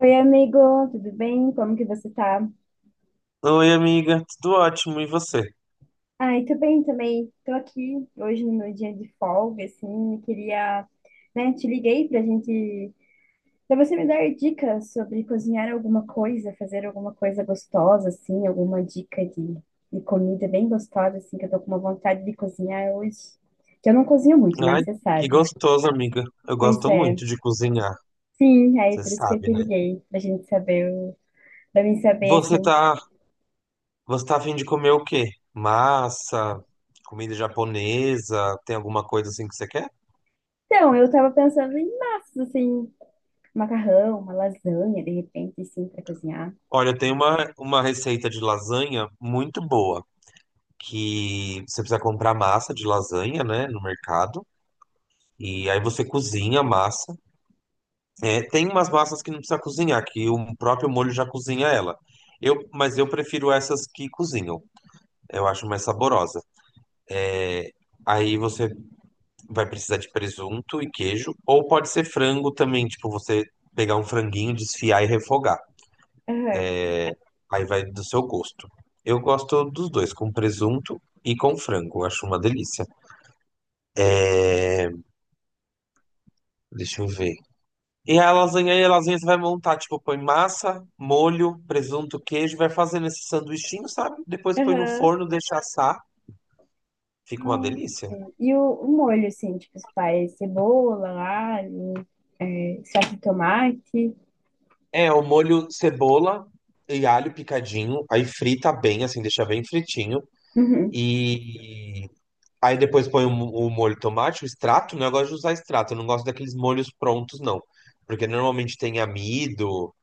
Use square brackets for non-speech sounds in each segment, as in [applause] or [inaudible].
Oi, amigo, tudo bem? Como que você tá? Oi, amiga, tudo ótimo, e você? Ai, tô bem também. Tô aqui hoje no meu dia de folga, assim, e queria, né, te liguei pra gente, pra você me dar dicas sobre cozinhar alguma coisa, fazer alguma coisa gostosa, assim, alguma dica de comida bem gostosa, assim, que eu tô com uma vontade de cozinhar hoje. Que eu não cozinho muito, né, Ai, você que sabe. gostoso, amiga. Eu Pois gosto é. muito de cozinhar, Sim, aí você por isso que eu sabe, te né? liguei, pra gente saber, pra mim saber, Você assim. tá, você tá a fim de comer o quê? Massa, comida japonesa, tem alguma coisa assim que você quer? Então, eu tava pensando em massas, assim, macarrão, uma lasanha, de repente, assim, pra cozinhar. Olha, tem uma receita de lasanha muito boa, que você precisa comprar massa de lasanha, né, no mercado. E aí você cozinha a massa. É, tem umas massas que não precisa cozinhar, que o próprio molho já cozinha ela. Mas eu prefiro essas que cozinham. Eu acho mais saborosa. Aí você vai precisar de presunto e queijo, ou pode ser frango também, tipo você pegar um franguinho, desfiar e refogar. Aham, Aí vai do seu gosto. Eu gosto dos dois, com presunto e com frango. Eu acho uma delícia. Deixa eu ver. E a lasanha, você vai montar, tipo, põe massa, molho, presunto, queijo, vai fazendo esse sanduichinho, sabe? Depois põe no aham. forno, deixa assar. Fica uma delícia. E o molho, assim, tipo, você faz cebola, alho, salsa de tomate. É, o molho cebola e alho picadinho, aí frita bem, assim, deixa bem fritinho. Uhum. E aí depois põe o molho de tomate, o extrato, né? Eu gosto de usar extrato, eu não gosto daqueles molhos prontos, não. Porque normalmente tem amido,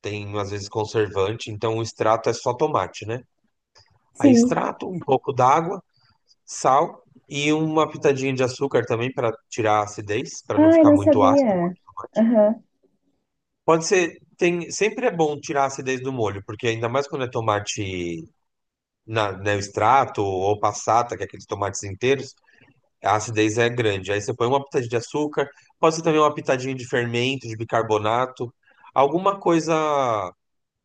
tem às vezes conservante, então o extrato é só tomate, né? Aí Sim. extrato, um pouco d'água, sal e uma pitadinha de açúcar também para tirar a acidez, para não Ai, ficar não muito ácido. sabia. Aham. Pode ser, tem, sempre é bom tirar a acidez do molho, porque ainda mais quando é tomate na, né, o extrato ou passata, que é aqueles tomates inteiros. A acidez é grande. Aí você põe uma pitadinha de açúcar, pode ser também uma pitadinha de fermento, de bicarbonato, alguma coisa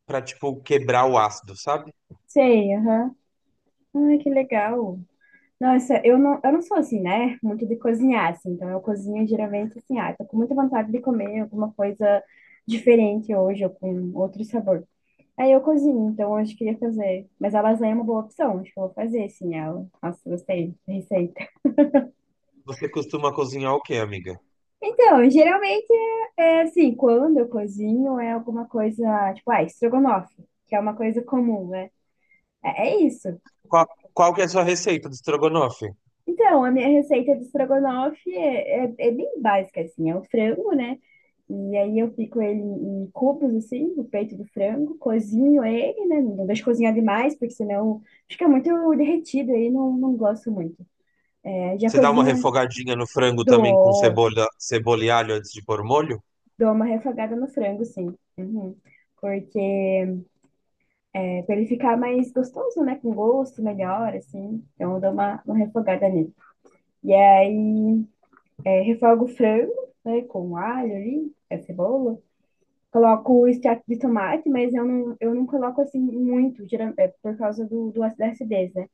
pra, tipo, quebrar o ácido, sabe? Sei, aham. Ai, que legal. Nossa, eu não sou assim, né? Muito de cozinhar, assim. Então, eu cozinho geralmente assim, ah, tô com muita vontade de comer alguma coisa diferente hoje ou com outro sabor. Aí eu cozinho, então hoje eu queria fazer. Mas a lasanha é uma boa opção, acho que eu vou fazer sim ela. Nossa, gostei da receita. Você costuma cozinhar o quê, amiga? Então, geralmente é assim, quando eu cozinho é alguma coisa, tipo, ah, estrogonofe, que é uma coisa comum, né? É, é isso. Qual, qual que é a sua receita de estrogonofe? Então, a minha receita de estrogonofe é bem básica, assim, é o frango, né? E aí eu pico ele em cubos, assim, o peito do frango, cozinho ele, né? Não deixo cozinhar demais, porque senão fica muito derretido aí, não gosto muito. É, já Você dá uma cozinha? refogadinha no frango também com Dou, cebola, cebola e alho antes de pôr molho? dou uma refogada no frango, sim. Uhum. Porque é, pra ele ficar mais gostoso, né? Com gosto melhor, assim. Então eu dou uma refogada nele. E aí, é, refogo o frango, né? Com alho ali, a cebola. Coloco o extrato de tomate, mas eu não coloco assim muito, é, por causa da acidez, né?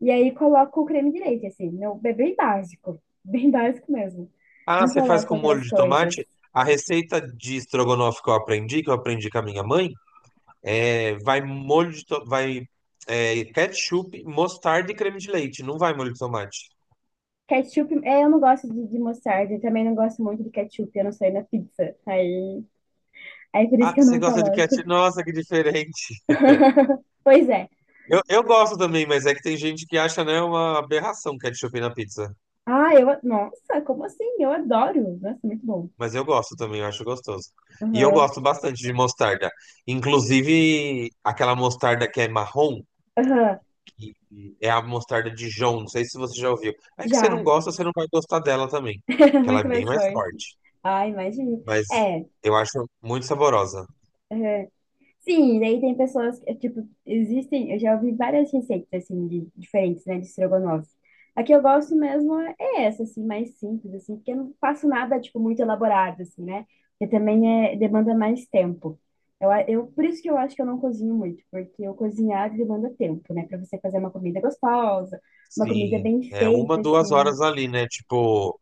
E aí coloco o creme de leite, assim. Meu, é bem básico. [laughs] Bem básico mesmo. Ah, Não você faz coloco com molho outras de coisas. tomate? A receita de estrogonofe que eu aprendi com a minha mãe. É, vai molho de to- vai é, ketchup, mostarda e creme de leite. Não vai molho de tomate. Ketchup, é, eu não gosto de mostarda, eu também não gosto muito de ketchup, eu não sei na pizza. Aí por isso Ah, que eu você não gosta de coloco. ketchup? Nossa, que diferente. [laughs] Pois é. Eu gosto também, mas é que tem gente que acha, né, uma aberração ketchup na pizza. Ah, eu, nossa, como assim? Eu adoro. Nossa, muito bom. Mas eu gosto também, eu acho gostoso. E eu Aham, gosto bastante de mostarda. Inclusive, aquela mostarda que é marrom, aham, que é a mostarda Dijon, não sei se você já ouviu. É que você não já. gosta, você não vai gostar dela também, [laughs] que ela é Muito bem mais mais forte. forte. Ah, imagino. Mas É, eu acho muito saborosa. aham. Sim, daí tem pessoas que, tipo, existem, eu já ouvi várias receitas, assim, de, diferentes, né, de estrogonofe. A que eu gosto mesmo é essa, assim, mais simples, assim, porque eu não faço nada, tipo, muito elaborado, assim, né? Porque também é, demanda mais tempo. Por isso que eu acho que eu não cozinho muito, porque eu cozinhar demanda tempo, né? Pra você fazer uma comida gostosa, uma comida Sim, bem é uma, feita, duas assim, horas ali, né? Tipo,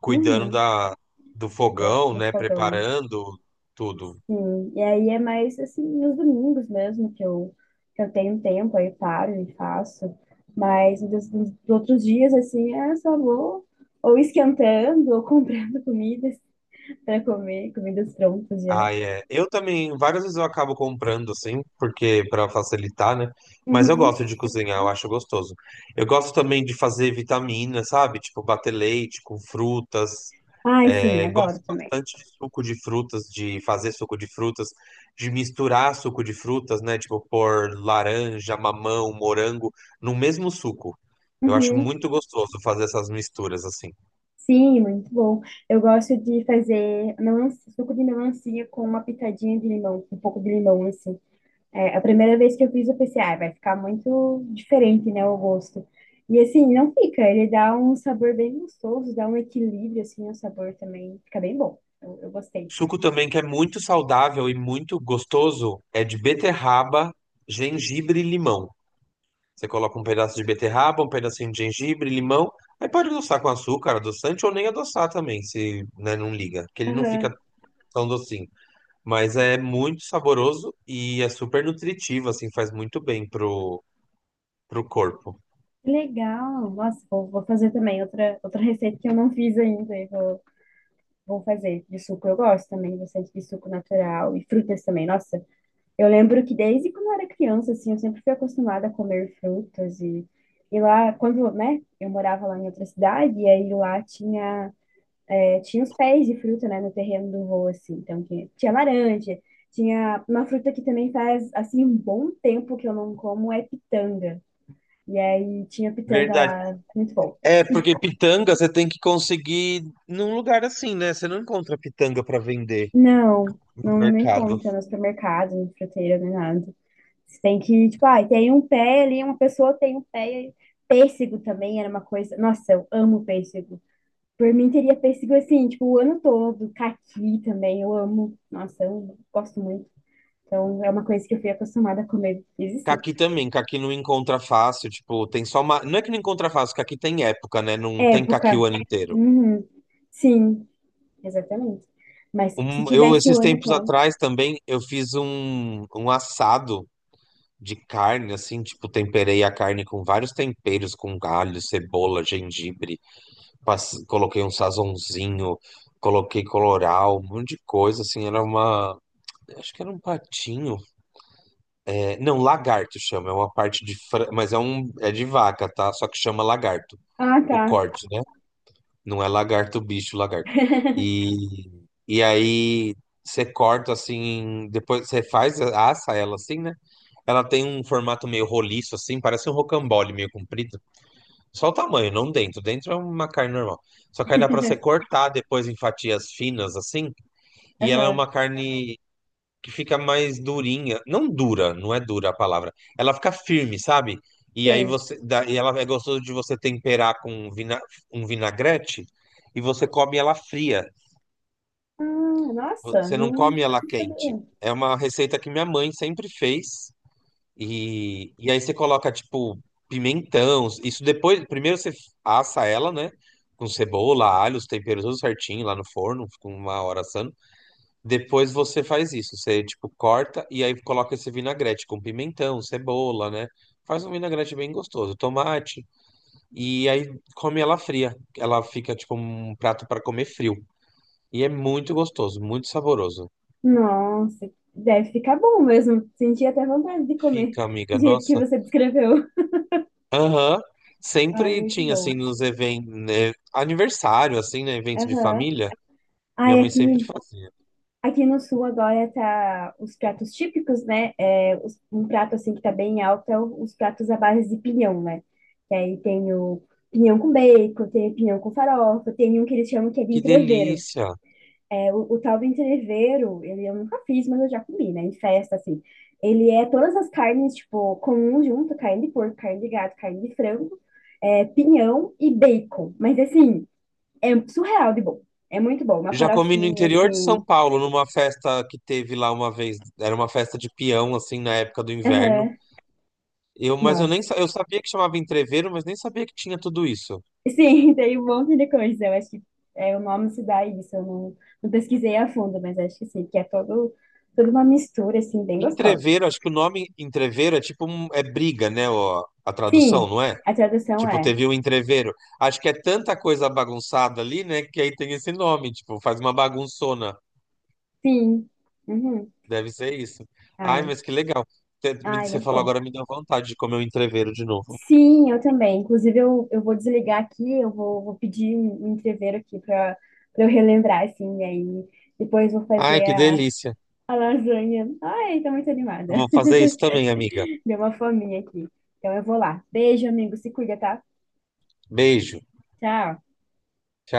cuidando uhum, da, do fogão, do né? fogão. Preparando tudo. Sim, e aí é mais assim nos domingos mesmo que eu tenho tempo, aí paro e faço. Mas nos outros dias, assim, é só vou ou esquentando ou [laughs] comprando comidas para comer, comidas prontas já. Ah, é. Eu também, várias vezes eu acabo comprando, assim, porque para facilitar, né? Mas eu Uhum. gosto de cozinhar, eu acho gostoso. Eu gosto também de fazer vitamina, sabe? Tipo, bater leite com frutas. Ai, sim, É, adoro gosto também. bastante de suco de frutas, de fazer suco de frutas, de misturar suco de frutas, né? Tipo, pôr laranja, mamão, morango no mesmo suco. Eu acho Uhum. muito gostoso fazer essas misturas, assim. Sim, muito bom. Eu gosto de fazer melancia, suco de melancia com uma pitadinha de limão, um pouco de limão, assim. É, a primeira vez que eu fiz, eu pensei, ah, vai ficar muito diferente, né, o gosto. E assim, não fica, ele dá um sabor bem gostoso, dá um equilíbrio, assim, o sabor também fica bem bom. Eu gostei. Suco também que é muito saudável e muito gostoso é de beterraba, gengibre e limão. Você coloca um pedaço de beterraba, um pedacinho de gengibre, limão. Aí pode adoçar com açúcar, adoçante, ou nem adoçar também, se, né, não liga, que ele não fica Aham, tão docinho. Mas é muito saboroso e é super nutritivo, assim, faz muito bem pro corpo. que legal! Nossa, vou fazer também outra receita que eu não fiz ainda, vou fazer. De suco eu gosto também, bastante de suco natural e frutas também. Nossa, eu lembro que desde quando eu era criança, assim, eu sempre fui acostumada a comer frutas e lá, quando, né, eu morava lá em outra cidade, e aí lá tinha tinha os pés de fruta, né, no terreno do vô, assim. Então, tinha laranja, tinha uma fruta que também faz, assim, um bom tempo que eu não como, é pitanga. E aí, tinha pitanga Verdade. lá, muito bom. É, porque pitanga você tem que conseguir num lugar assim, né? Você não encontra pitanga para vender no Não nem mercado. encontra no supermercado, no fruteiro, nem nada. Você tem que, tipo, ah, tem um pé ali, uma pessoa tem um pé. Pêssego também era uma coisa. Nossa, eu amo pêssego. Por mim, teria pêssego assim, tipo, o ano todo. Caqui também, eu amo. Nossa, eu gosto muito. Então, é uma coisa que eu fui acostumada a comer desde cedo. Caqui também, caqui não encontra fácil, tipo, tem só uma. Não é que não encontra fácil, caqui tem época, né? Não tem caqui Época. o ano inteiro. Uhum. Sim, exatamente. Mas se Eu, tivesse o esses ano tempos todo. atrás também, eu fiz um assado de carne, assim, tipo, temperei a carne com vários temperos, com galho, cebola, gengibre, coloquei um sazonzinho, coloquei colorau, um monte de coisa, assim, era uma. Acho que era um patinho. É, não, lagarto chama, é uma parte mas é um é de vaca, tá? Só que chama lagarto. Ah, O tá. corte, né? Não é lagarto, bicho, lagarto. [laughs] E e aí você corta assim, depois você faz assa ela assim, né? Ela tem um formato meio roliço assim, parece um rocambole meio comprido. Só o tamanho, não dentro. Dentro é uma carne normal. Só que aí dá pra você cortar depois em fatias finas assim, e ela é Aham, uma carne que fica mais durinha. Não dura, não é dura a palavra. Ela fica firme, sabe? E aí sei. você. Dá- E ela é gostoso de você temperar um vinagrete e você come ela fria. Ah, nossa, Você não come ela não quente. sabia. É uma receita que minha mãe sempre fez. E aí você coloca, tipo, pimentão. Isso depois. Primeiro você assa ela, né? Com cebola, alho, os temperos tudo certinho lá no forno, com uma hora assando. Depois você faz isso, você tipo corta e aí coloca esse vinagrete com pimentão, cebola, né? Faz um vinagrete bem gostoso, tomate e aí come ela fria. Ela fica tipo um prato para comer frio. E é muito gostoso, muito saboroso. Nossa, deve ficar bom mesmo. Senti até vontade de comer Fica, do amiga, jeito que nossa. você descreveu. Aham. Ai, Sempre muito tinha assim bom. nos eventos, né? Aniversário assim, né, evento de Aham. família, minha Ai, mãe sempre aqui. fazia. Aqui no sul agora tá os pratos típicos, né? É, um prato assim que tá bem alto é os pratos à base de pinhão, né? Que aí tem o pinhão com bacon, tem o pinhão com farofa, tem um que eles chamam que é de Que entrevero. delícia. É, o tal do entrevero, ele eu nunca fiz, mas eu já comi, né? Em festa, assim. Ele é todas as carnes, tipo, comuns junto, carne de porco, carne de gato, carne de frango, é, pinhão e bacon. Mas assim, é surreal de bom. É muito bom. Uma Já comi no farofinha, interior de assim. São Paulo, numa festa que teve lá uma vez. Era uma festa de peão, assim, na época do inverno. Aham. Eu, mas eu nem Nossa. sa- eu sabia que chamava entreveiro, mas nem sabia que tinha tudo isso. Sim, [laughs] tem um monte de coisa. Eu acho que é, o nome se dá a isso. Eu não, não pesquisei a fundo, mas acho que sim, que é todo, toda uma mistura, assim, bem gostosa. Entreveiro, acho que o nome entreveiro é briga, né? Ó, a tradução, Sim, não é? a tradução Tipo, é teve um entreveiro. Acho que é tanta coisa bagunçada ali, né? Que aí tem esse nome, tipo, faz uma bagunçona. sim. Uhum. Deve ser isso. Ai, Ai, mas que legal. Ai, Você muito falou bom. agora, me deu vontade de comer um entreveiro de novo. Sim, eu também. Inclusive, eu vou desligar aqui, eu vou, vou pedir um entreveiro aqui para eu relembrar, assim, e aí depois vou Ai, fazer que delícia. a lasanha. Ai, tô muito animada. Vou fazer isso também, amiga. [laughs] Deu uma fominha aqui. Então eu vou lá. Beijo, amigo. Se cuida, tá? Beijo. Tchau. Tchau.